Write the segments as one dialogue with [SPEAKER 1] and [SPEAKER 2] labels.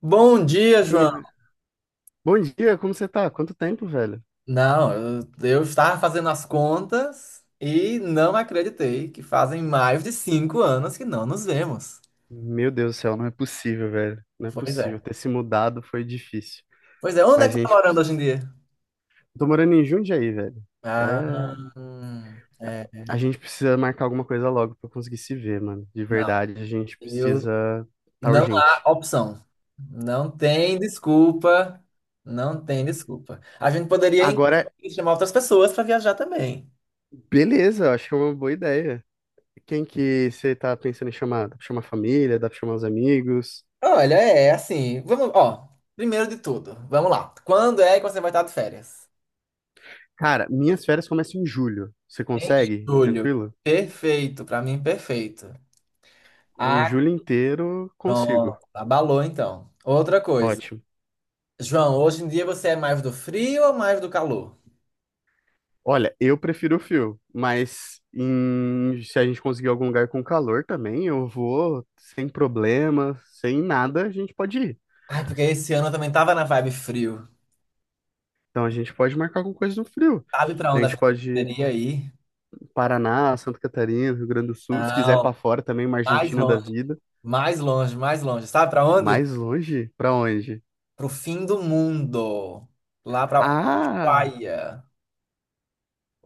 [SPEAKER 1] Bom dia,
[SPEAKER 2] E,
[SPEAKER 1] João.
[SPEAKER 2] ah, Bom dia, como você tá? Quanto tempo, velho?
[SPEAKER 1] Não, eu estava fazendo as contas e não acreditei que fazem mais de 5 anos que não nos vemos.
[SPEAKER 2] Meu Deus do céu, não é possível, velho. Não é
[SPEAKER 1] Pois
[SPEAKER 2] possível.
[SPEAKER 1] é.
[SPEAKER 2] Ter se mudado foi difícil.
[SPEAKER 1] Pois é, onde é
[SPEAKER 2] Mas a
[SPEAKER 1] que você está
[SPEAKER 2] gente.
[SPEAKER 1] morando hoje em dia?
[SPEAKER 2] Eu tô morando em Jundiaí, velho.
[SPEAKER 1] Ah,
[SPEAKER 2] É.
[SPEAKER 1] hum, é,
[SPEAKER 2] A gente precisa marcar alguma coisa logo pra eu conseguir se ver, mano. De
[SPEAKER 1] não,
[SPEAKER 2] verdade, a gente
[SPEAKER 1] eu,
[SPEAKER 2] precisa. Tá
[SPEAKER 1] não
[SPEAKER 2] urgente.
[SPEAKER 1] há opção. Não tem desculpa. Não tem desculpa. A gente poderia
[SPEAKER 2] Agora,
[SPEAKER 1] inclusive, chamar outras pessoas para viajar também.
[SPEAKER 2] beleza, eu acho que é uma boa ideia. Quem que você tá pensando em chamar? Dá pra chamar a família? Dá pra chamar os amigos?
[SPEAKER 1] Olha, é assim, vamos, ó, primeiro de tudo, vamos lá. Quando é que você vai estar de férias?
[SPEAKER 2] Cara, minhas férias começam em julho. Você
[SPEAKER 1] Em
[SPEAKER 2] consegue?
[SPEAKER 1] julho.
[SPEAKER 2] Tranquilo?
[SPEAKER 1] Perfeito, pra mim perfeito.
[SPEAKER 2] Em
[SPEAKER 1] Ah,
[SPEAKER 2] julho inteiro,
[SPEAKER 1] pronto.
[SPEAKER 2] consigo.
[SPEAKER 1] Abalou então. Outra coisa.
[SPEAKER 2] Ótimo.
[SPEAKER 1] João, hoje em dia você é mais do frio ou mais do calor?
[SPEAKER 2] Olha, eu prefiro o frio, mas se a gente conseguir algum lugar com calor também, eu vou sem problema, sem nada, a gente pode ir.
[SPEAKER 1] Ai, porque esse ano eu também tava na vibe frio.
[SPEAKER 2] Então a gente pode marcar alguma coisa no frio.
[SPEAKER 1] Sabe pra
[SPEAKER 2] Então, a
[SPEAKER 1] onde a
[SPEAKER 2] gente
[SPEAKER 1] gente
[SPEAKER 2] pode ir
[SPEAKER 1] poderia ir?
[SPEAKER 2] Paraná, Santa Catarina, Rio Grande do Sul, se quiser ir
[SPEAKER 1] Não,
[SPEAKER 2] pra fora também, uma
[SPEAKER 1] mais
[SPEAKER 2] Argentina da
[SPEAKER 1] longe,
[SPEAKER 2] vida.
[SPEAKER 1] mais longe, mais longe. Sabe pra onde?
[SPEAKER 2] Mais longe? Pra onde?
[SPEAKER 1] Pro fim do mundo. Lá pra
[SPEAKER 2] Ah,
[SPEAKER 1] Ushuaia.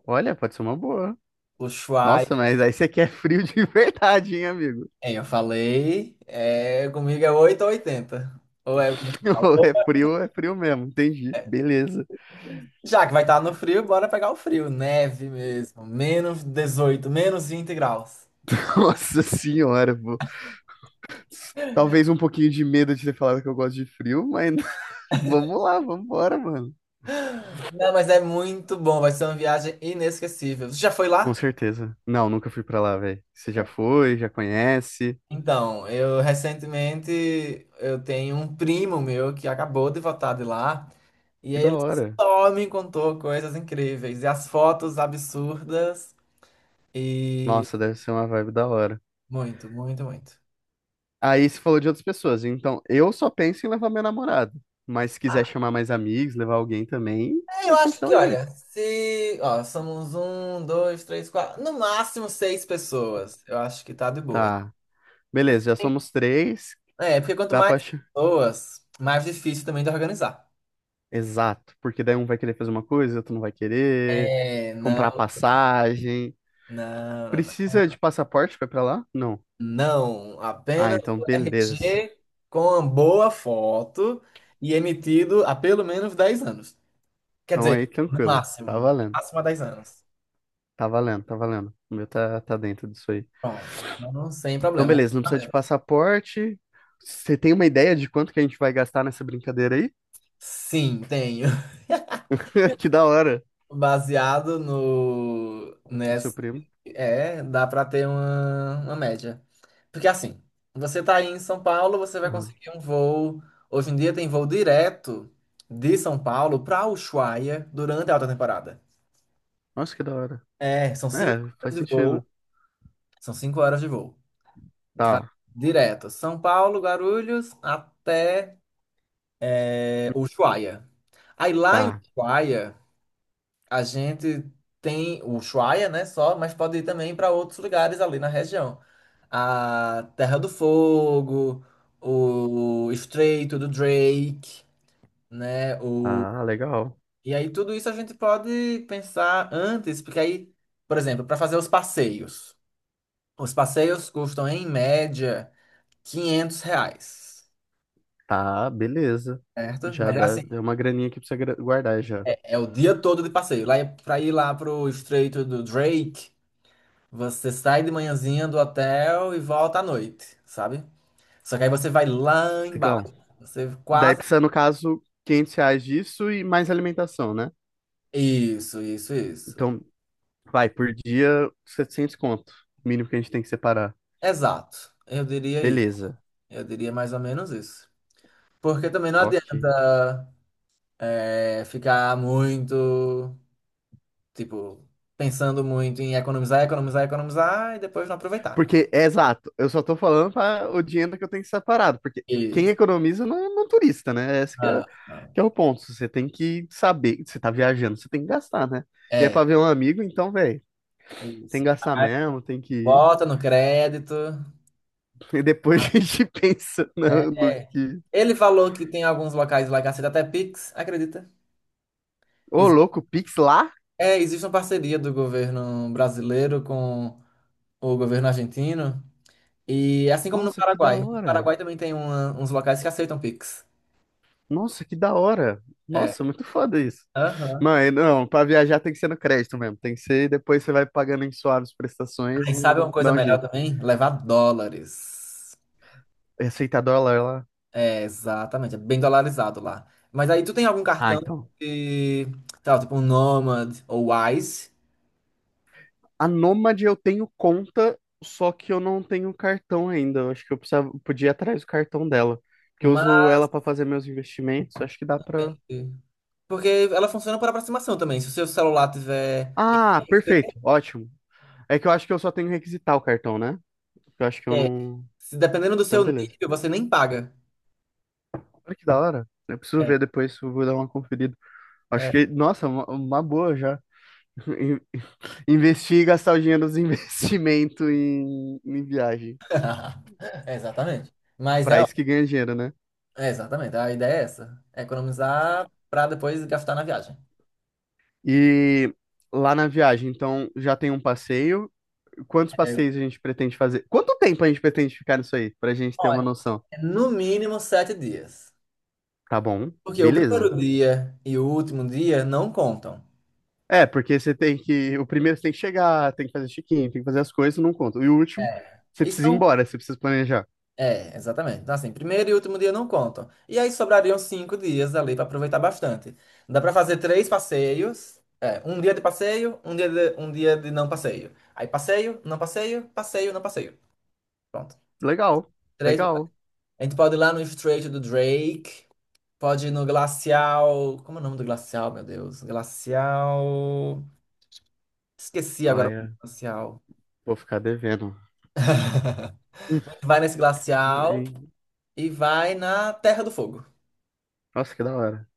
[SPEAKER 2] olha, pode ser uma boa. Nossa,
[SPEAKER 1] Ushuaia.
[SPEAKER 2] mas aí você quer frio de verdade, hein, amigo?
[SPEAKER 1] É, eu falei, é, comigo é 8 ou 80. Ou é muito calor.
[SPEAKER 2] Ou é frio mesmo, entendi. Beleza.
[SPEAKER 1] Já que vai estar no frio, bora pegar o frio. Neve mesmo. Menos 18, menos 20 graus.
[SPEAKER 2] Nossa senhora, talvez um pouquinho de medo de ter falado que eu gosto de frio, mas vamos lá, vamos embora, mano.
[SPEAKER 1] Não, mas é muito bom. Vai ser uma viagem inesquecível. Você já foi
[SPEAKER 2] Com
[SPEAKER 1] lá?
[SPEAKER 2] certeza. Não, nunca fui pra lá, velho. Você já foi, já conhece.
[SPEAKER 1] Então, eu recentemente eu tenho um primo meu que acabou de voltar de lá. E
[SPEAKER 2] Que da
[SPEAKER 1] ele
[SPEAKER 2] hora.
[SPEAKER 1] só me contou coisas incríveis. E as fotos absurdas. E
[SPEAKER 2] Nossa, deve ser uma vibe da hora.
[SPEAKER 1] muito, muito, muito.
[SPEAKER 2] Aí você falou de outras pessoas. Então, eu só penso em levar meu namorado. Mas se quiser chamar mais amigos, levar alguém também,
[SPEAKER 1] É, eu
[SPEAKER 2] a gente
[SPEAKER 1] acho
[SPEAKER 2] dá
[SPEAKER 1] que,
[SPEAKER 2] um
[SPEAKER 1] olha,
[SPEAKER 2] jeito.
[SPEAKER 1] se. Ó, somos um, dois, três, quatro. No máximo seis pessoas. Eu acho que tá de boa.
[SPEAKER 2] Tá. Beleza, já somos três.
[SPEAKER 1] É, porque quanto
[SPEAKER 2] Dá
[SPEAKER 1] mais
[SPEAKER 2] pra. ch-
[SPEAKER 1] pessoas, mais difícil também de organizar.
[SPEAKER 2] Exato. Porque daí um vai querer fazer uma coisa, outro não vai querer.
[SPEAKER 1] É,
[SPEAKER 2] Comprar
[SPEAKER 1] não,
[SPEAKER 2] passagem.
[SPEAKER 1] não, não, não.
[SPEAKER 2] Precisa de passaporte pra ir pra lá? Não.
[SPEAKER 1] Não,
[SPEAKER 2] Ah,
[SPEAKER 1] apenas
[SPEAKER 2] então
[SPEAKER 1] o
[SPEAKER 2] beleza.
[SPEAKER 1] RG com uma boa foto e emitido há pelo menos 10 anos. Quer
[SPEAKER 2] Então aí
[SPEAKER 1] dizer, no
[SPEAKER 2] tranquilo.
[SPEAKER 1] máximo,
[SPEAKER 2] Tá
[SPEAKER 1] no
[SPEAKER 2] valendo.
[SPEAKER 1] máximo há 10 anos.
[SPEAKER 2] Tá valendo, tá valendo. O meu tá dentro disso aí.
[SPEAKER 1] Pronto, não sem
[SPEAKER 2] Então
[SPEAKER 1] problema.
[SPEAKER 2] beleza, não precisa de passaporte. Você tem uma ideia de quanto que a gente vai gastar nessa brincadeira aí?
[SPEAKER 1] Sim, tenho.
[SPEAKER 2] Que da hora.
[SPEAKER 1] Baseado no,
[SPEAKER 2] O seu primo.
[SPEAKER 1] é, dá pra ter uma média. Porque assim, você tá aí em São Paulo, você vai
[SPEAKER 2] Aham.
[SPEAKER 1] conseguir um voo. Hoje em dia tem voo direto de São Paulo pra Ushuaia durante a alta temporada.
[SPEAKER 2] Nossa, que da hora.
[SPEAKER 1] É, são cinco
[SPEAKER 2] É,
[SPEAKER 1] horas
[SPEAKER 2] faz
[SPEAKER 1] de voo.
[SPEAKER 2] sentido.
[SPEAKER 1] São cinco horas de voo. Vai
[SPEAKER 2] Tá,
[SPEAKER 1] direto. São Paulo, Guarulhos, até Ushuaia. Aí lá em
[SPEAKER 2] tá.
[SPEAKER 1] Ushuaia. A gente tem o Ushuaia, né, só, mas pode ir também para outros lugares ali na região. A Terra do Fogo, o Estreito do Drake, né, o...
[SPEAKER 2] Tá, legal.
[SPEAKER 1] E aí tudo isso a gente pode pensar antes, porque aí, por exemplo, para fazer os passeios. Os passeios custam, em média, 500 reais,
[SPEAKER 2] Tá, beleza.
[SPEAKER 1] certo?
[SPEAKER 2] Já
[SPEAKER 1] Mas é
[SPEAKER 2] dá,
[SPEAKER 1] assim,
[SPEAKER 2] é uma graninha que precisa guardar já.
[SPEAKER 1] é o dia todo de passeio. Lá, para ir lá pro Estreito do Drake, você sai de manhãzinha do hotel e volta à noite, sabe? Só que aí você vai lá
[SPEAKER 2] Legal.
[SPEAKER 1] embaixo. Você
[SPEAKER 2] Daí
[SPEAKER 1] quase.
[SPEAKER 2] precisa, no caso, R$ 500 disso e mais alimentação, né?
[SPEAKER 1] Isso, isso, isso.
[SPEAKER 2] Então, vai, por dia, 700 conto. Mínimo que a gente tem que separar.
[SPEAKER 1] Exato. Eu diria isso.
[SPEAKER 2] Beleza.
[SPEAKER 1] Eu diria mais ou menos isso. Porque também não adianta
[SPEAKER 2] Ok.
[SPEAKER 1] ficar muito, tipo, pensando muito em economizar, economizar, economizar e depois não aproveitar, né?
[SPEAKER 2] Porque, é exato, eu só tô falando para o dinheiro que eu tenho que separado, porque quem
[SPEAKER 1] Isso.
[SPEAKER 2] economiza não, não é turista, né? Esse que é,
[SPEAKER 1] Não, não.
[SPEAKER 2] que é o ponto. Você tem que saber, você tá viajando, você tem que gastar, né? E é
[SPEAKER 1] É,
[SPEAKER 2] para ver um amigo, então, velho,
[SPEAKER 1] é
[SPEAKER 2] tem
[SPEAKER 1] isso.
[SPEAKER 2] que gastar
[SPEAKER 1] Aí
[SPEAKER 2] mesmo, tem que ir.
[SPEAKER 1] bota no crédito.
[SPEAKER 2] E depois a gente pensa no
[SPEAKER 1] É.
[SPEAKER 2] que.
[SPEAKER 1] Ele falou que tem alguns locais lá que aceita até Pix, acredita?
[SPEAKER 2] Ô,
[SPEAKER 1] Ex-
[SPEAKER 2] louco, Pix lá?
[SPEAKER 1] É, existe uma parceria do governo brasileiro com o governo argentino. E assim como no
[SPEAKER 2] Nossa, que da
[SPEAKER 1] Paraguai. No
[SPEAKER 2] hora.
[SPEAKER 1] Paraguai também tem uns locais que aceitam Pix.
[SPEAKER 2] Nossa, que da hora.
[SPEAKER 1] É.
[SPEAKER 2] Nossa, muito foda isso.
[SPEAKER 1] Aham.
[SPEAKER 2] Não, não, pra viajar tem que ser no crédito mesmo. Tem que ser, depois você vai pagando em suaves prestações
[SPEAKER 1] Aí sabe uma
[SPEAKER 2] e
[SPEAKER 1] coisa
[SPEAKER 2] dá um
[SPEAKER 1] melhor
[SPEAKER 2] jeito.
[SPEAKER 1] também? Levar dólares.
[SPEAKER 2] Receita dólar lá.
[SPEAKER 1] É, exatamente. É bem dolarizado lá. Mas aí tu tem algum
[SPEAKER 2] Ah,
[SPEAKER 1] cartão
[SPEAKER 2] então.
[SPEAKER 1] de, sei lá, tipo um Nomad ou Wise?
[SPEAKER 2] A Nômade eu tenho conta, só que eu não tenho cartão ainda. Eu acho que eu precisava, podia ir atrás do cartão dela. Porque eu uso
[SPEAKER 1] Mas.
[SPEAKER 2] ela pra fazer meus investimentos. Acho que dá pra.
[SPEAKER 1] Porque ela funciona por aproximação também. Se o seu celular tiver.
[SPEAKER 2] Ah, perfeito. Ótimo. É que eu acho que eu só tenho que requisitar o cartão, né? Eu acho que eu
[SPEAKER 1] É,
[SPEAKER 2] não.
[SPEAKER 1] se dependendo do
[SPEAKER 2] Então,
[SPEAKER 1] seu
[SPEAKER 2] beleza.
[SPEAKER 1] nível, você nem paga.
[SPEAKER 2] Olha que da hora. Eu preciso
[SPEAKER 1] É,
[SPEAKER 2] ver depois, eu vou dar uma conferida. Acho que,
[SPEAKER 1] é.
[SPEAKER 2] nossa, uma boa já. In- Investir e gastar o dinheiro dos investimentos em viagem.
[SPEAKER 1] Exatamente. Mas
[SPEAKER 2] Pra
[SPEAKER 1] é,
[SPEAKER 2] isso que ganha dinheiro, né?
[SPEAKER 1] exatamente, a ideia é essa. É economizar para depois gastar na viagem.
[SPEAKER 2] E lá na viagem, então, já tem um passeio. Quantos
[SPEAKER 1] É,
[SPEAKER 2] passeios a gente pretende fazer? Quanto tempo a gente pretende ficar nisso aí? Pra gente ter
[SPEAKER 1] ó,
[SPEAKER 2] uma noção.
[SPEAKER 1] é no mínimo 7 dias.
[SPEAKER 2] Tá bom,
[SPEAKER 1] Porque o primeiro
[SPEAKER 2] beleza.
[SPEAKER 1] dia e o último dia não contam.
[SPEAKER 2] É, porque você tem que. O primeiro você tem que chegar, tem que fazer check-in, tem que fazer as coisas, não conta. E o último,
[SPEAKER 1] É.
[SPEAKER 2] você
[SPEAKER 1] E
[SPEAKER 2] precisa ir
[SPEAKER 1] são
[SPEAKER 2] embora, você precisa planejar.
[SPEAKER 1] É, exatamente. Então, assim, primeiro e último dia não contam. E aí sobrariam 5 dias ali para aproveitar bastante. Dá para fazer três passeios. É, um dia de passeio, um dia de não passeio. Aí passeio, não passeio, passeio, não passeio. Pronto.
[SPEAKER 2] Legal,
[SPEAKER 1] Três. A
[SPEAKER 2] legal.
[SPEAKER 1] gente pode ir lá no Estreito do Drake. Pode ir no Glacial. Como é o nome do glacial, meu Deus? Glacial. Esqueci agora o nome
[SPEAKER 2] Olha,
[SPEAKER 1] do glacial.
[SPEAKER 2] vou ficar devendo.
[SPEAKER 1] A gente vai nesse glacial e vai na Terra do Fogo.
[SPEAKER 2] Nossa, que da hora.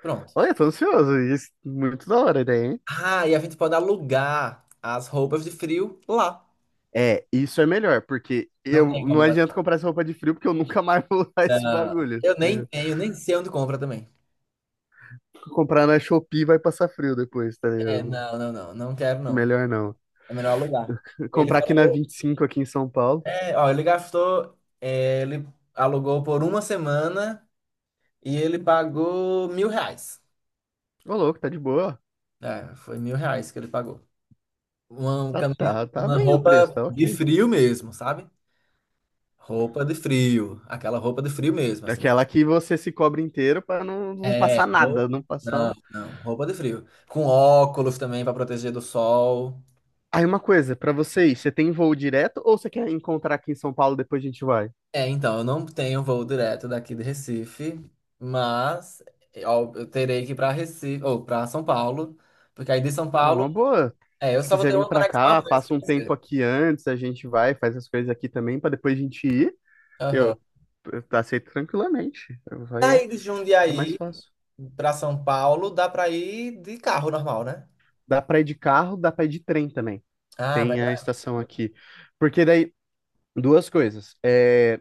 [SPEAKER 1] Pronto.
[SPEAKER 2] Olha, tô ansioso. Isso, muito da hora a ideia, hein?
[SPEAKER 1] Ah, e a gente pode alugar as roupas de frio lá.
[SPEAKER 2] É, isso é melhor, porque
[SPEAKER 1] Não
[SPEAKER 2] eu
[SPEAKER 1] tem
[SPEAKER 2] não
[SPEAKER 1] como lá.
[SPEAKER 2] adianta comprar essa roupa de frio, porque eu nunca mais vou usar esse
[SPEAKER 1] Não.
[SPEAKER 2] bagulho.
[SPEAKER 1] Eu
[SPEAKER 2] Tá
[SPEAKER 1] nem
[SPEAKER 2] ligado?
[SPEAKER 1] tenho, nem sei onde compra também.
[SPEAKER 2] Comprar na Shopee vai passar frio depois, tá
[SPEAKER 1] É,
[SPEAKER 2] ligado?
[SPEAKER 1] não, não, não. Não quero, não.
[SPEAKER 2] Melhor não.
[SPEAKER 1] É melhor alugar. Ele
[SPEAKER 2] Comprar aqui na
[SPEAKER 1] falou.
[SPEAKER 2] 25 aqui em São Paulo.
[SPEAKER 1] É, ó, ele gastou. É, ele alugou por uma semana e ele pagou 1.000 reais.
[SPEAKER 2] Ô, louco, tá de boa.
[SPEAKER 1] É, foi 1.000 reais que ele pagou. Uma
[SPEAKER 2] Tá,
[SPEAKER 1] camisa,
[SPEAKER 2] tá, tá
[SPEAKER 1] uma
[SPEAKER 2] bem o preço,
[SPEAKER 1] roupa
[SPEAKER 2] tá
[SPEAKER 1] de
[SPEAKER 2] ok.
[SPEAKER 1] frio mesmo, sabe? Roupa de frio. Aquela roupa de frio mesmo, assim.
[SPEAKER 2] Aquela que você se cobre inteiro pra não, não
[SPEAKER 1] É,
[SPEAKER 2] passar nada, não passar.
[SPEAKER 1] não,
[SPEAKER 2] um-
[SPEAKER 1] não, roupa de frio. Com óculos também para proteger do sol.
[SPEAKER 2] Aí uma coisa, pra vocês, você tem voo direto ou você quer encontrar aqui em São Paulo depois a gente vai?
[SPEAKER 1] É, então, eu não tenho voo direto daqui de Recife, mas ó, eu terei que ir para Recife, ou para São Paulo, porque aí de São
[SPEAKER 2] É
[SPEAKER 1] Paulo,
[SPEAKER 2] uma boa.
[SPEAKER 1] é, eu
[SPEAKER 2] Se
[SPEAKER 1] só vou
[SPEAKER 2] quiser
[SPEAKER 1] ter
[SPEAKER 2] vir
[SPEAKER 1] uma
[SPEAKER 2] pra
[SPEAKER 1] conexão a
[SPEAKER 2] cá,
[SPEAKER 1] mais,
[SPEAKER 2] passa
[SPEAKER 1] quer
[SPEAKER 2] um tempo
[SPEAKER 1] dizer.
[SPEAKER 2] aqui antes, a gente vai, faz as coisas aqui também, pra depois a gente ir.
[SPEAKER 1] Aham.
[SPEAKER 2] Eu, eu aceito tranquilamente. Vai,
[SPEAKER 1] Daí de
[SPEAKER 2] fica mais
[SPEAKER 1] Jundiaí
[SPEAKER 2] fácil.
[SPEAKER 1] para São Paulo, dá para ir de carro normal, né?
[SPEAKER 2] Dá pra ir de carro, dá pra ir de trem também.
[SPEAKER 1] Ah, mas.
[SPEAKER 2] Tem a estação aqui. Porque daí, duas coisas. É,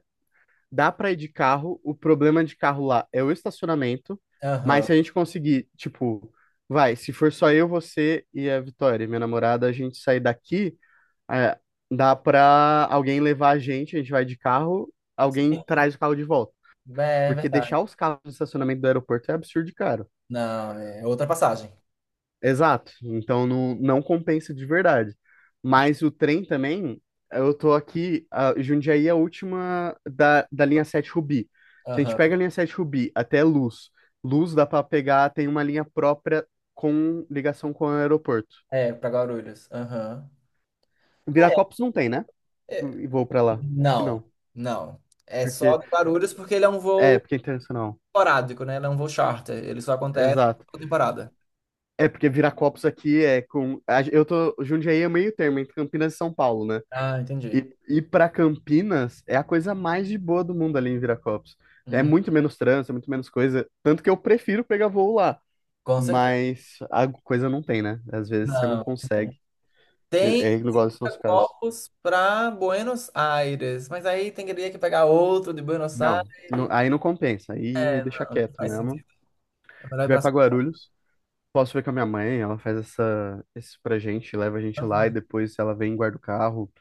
[SPEAKER 2] dá pra ir de carro, o problema de carro lá é o estacionamento, mas
[SPEAKER 1] Aham.
[SPEAKER 2] se a gente conseguir, tipo, vai, se for só eu, você e a Vitória, minha namorada, a gente sair daqui. É, dá pra alguém levar a gente vai de carro, alguém
[SPEAKER 1] É,
[SPEAKER 2] traz o carro de volta.
[SPEAKER 1] é
[SPEAKER 2] Porque
[SPEAKER 1] verdade.
[SPEAKER 2] deixar os carros no estacionamento do aeroporto é absurdo de caro.
[SPEAKER 1] Não, é outra passagem.
[SPEAKER 2] Exato. Então não, não compensa de verdade. Mas o trem também, eu tô aqui, a Jundiaí é a última da linha 7 Rubi. Se a gente
[SPEAKER 1] Aham.
[SPEAKER 2] pega a linha 7 Rubi até Luz, Luz dá pra pegar, tem uma linha própria com ligação com o aeroporto.
[SPEAKER 1] É, para Guarulhos. Aham.
[SPEAKER 2] Viracopos não tem, né?
[SPEAKER 1] É, é,
[SPEAKER 2] E vou pra lá. Acho que
[SPEAKER 1] não,
[SPEAKER 2] não.
[SPEAKER 1] não. É só
[SPEAKER 2] Porque,
[SPEAKER 1] de Guarulhos porque ele é um voo
[SPEAKER 2] porque é internacional.
[SPEAKER 1] esporádico, né? Ele é um voo charter. Ele só acontece
[SPEAKER 2] Exato.
[SPEAKER 1] por temporada.
[SPEAKER 2] É, porque Viracopos aqui Eu tô. Jundiaí é meio termo, entre Campinas e São Paulo, né?
[SPEAKER 1] Ah, entendi.
[SPEAKER 2] E ir pra Campinas é a coisa mais de boa do mundo ali em Viracopos. É
[SPEAKER 1] Hum,
[SPEAKER 2] muito menos trânsito, é muito menos coisa. Tanto que eu prefiro pegar voo lá.
[SPEAKER 1] com certeza.
[SPEAKER 2] Mas a coisa não tem, né? Às vezes você não
[SPEAKER 1] Não, não tem.
[SPEAKER 2] consegue.
[SPEAKER 1] Tem
[SPEAKER 2] É igual esse nosso caso.
[SPEAKER 1] Corpus para Buenos Aires, mas aí teria que pegar outro de Buenos
[SPEAKER 2] Não,
[SPEAKER 1] Aires.
[SPEAKER 2] aí não compensa. Aí
[SPEAKER 1] É,
[SPEAKER 2] deixa
[SPEAKER 1] não
[SPEAKER 2] quieto
[SPEAKER 1] faz
[SPEAKER 2] mesmo.
[SPEAKER 1] sentido. É melhor ir
[SPEAKER 2] Vai
[SPEAKER 1] para
[SPEAKER 2] pra
[SPEAKER 1] São
[SPEAKER 2] Guarulhos. Posso ver com a minha mãe, ela faz isso pra gente, leva a gente lá e
[SPEAKER 1] Paulo,
[SPEAKER 2] depois ela vem e guarda o carro.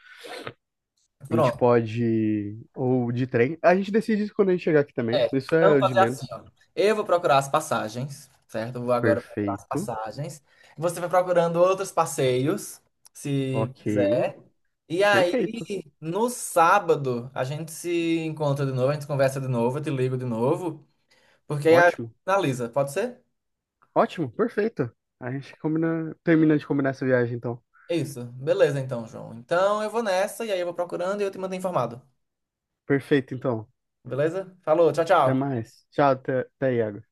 [SPEAKER 1] né?
[SPEAKER 2] A gente
[SPEAKER 1] Pronto.
[SPEAKER 2] pode. Ou de trem. A gente decide isso quando a gente chegar aqui
[SPEAKER 1] É.
[SPEAKER 2] também. Isso
[SPEAKER 1] Então,
[SPEAKER 2] é
[SPEAKER 1] vou
[SPEAKER 2] o de
[SPEAKER 1] fazer assim,
[SPEAKER 2] menos.
[SPEAKER 1] ó. Eu vou procurar as passagens, certo? Eu vou agora procurar as
[SPEAKER 2] Perfeito.
[SPEAKER 1] passagens. Você vai procurando outros passeios, se
[SPEAKER 2] Ok.
[SPEAKER 1] quiser. E aí,
[SPEAKER 2] Perfeito.
[SPEAKER 1] no sábado, a gente se encontra de novo, a gente conversa de novo, eu te ligo de novo, porque aí a gente
[SPEAKER 2] Ótimo.
[SPEAKER 1] finaliza, pode ser?
[SPEAKER 2] Ótimo. Perfeito. A gente termina de combinar essa viagem, então.
[SPEAKER 1] Isso. Beleza, então, João. Então eu vou nessa, e aí eu vou procurando e eu te mando informado.
[SPEAKER 2] Perfeito, então.
[SPEAKER 1] Beleza? Falou, tchau,
[SPEAKER 2] Até
[SPEAKER 1] tchau.
[SPEAKER 2] mais. Tchau, até aí, Iago.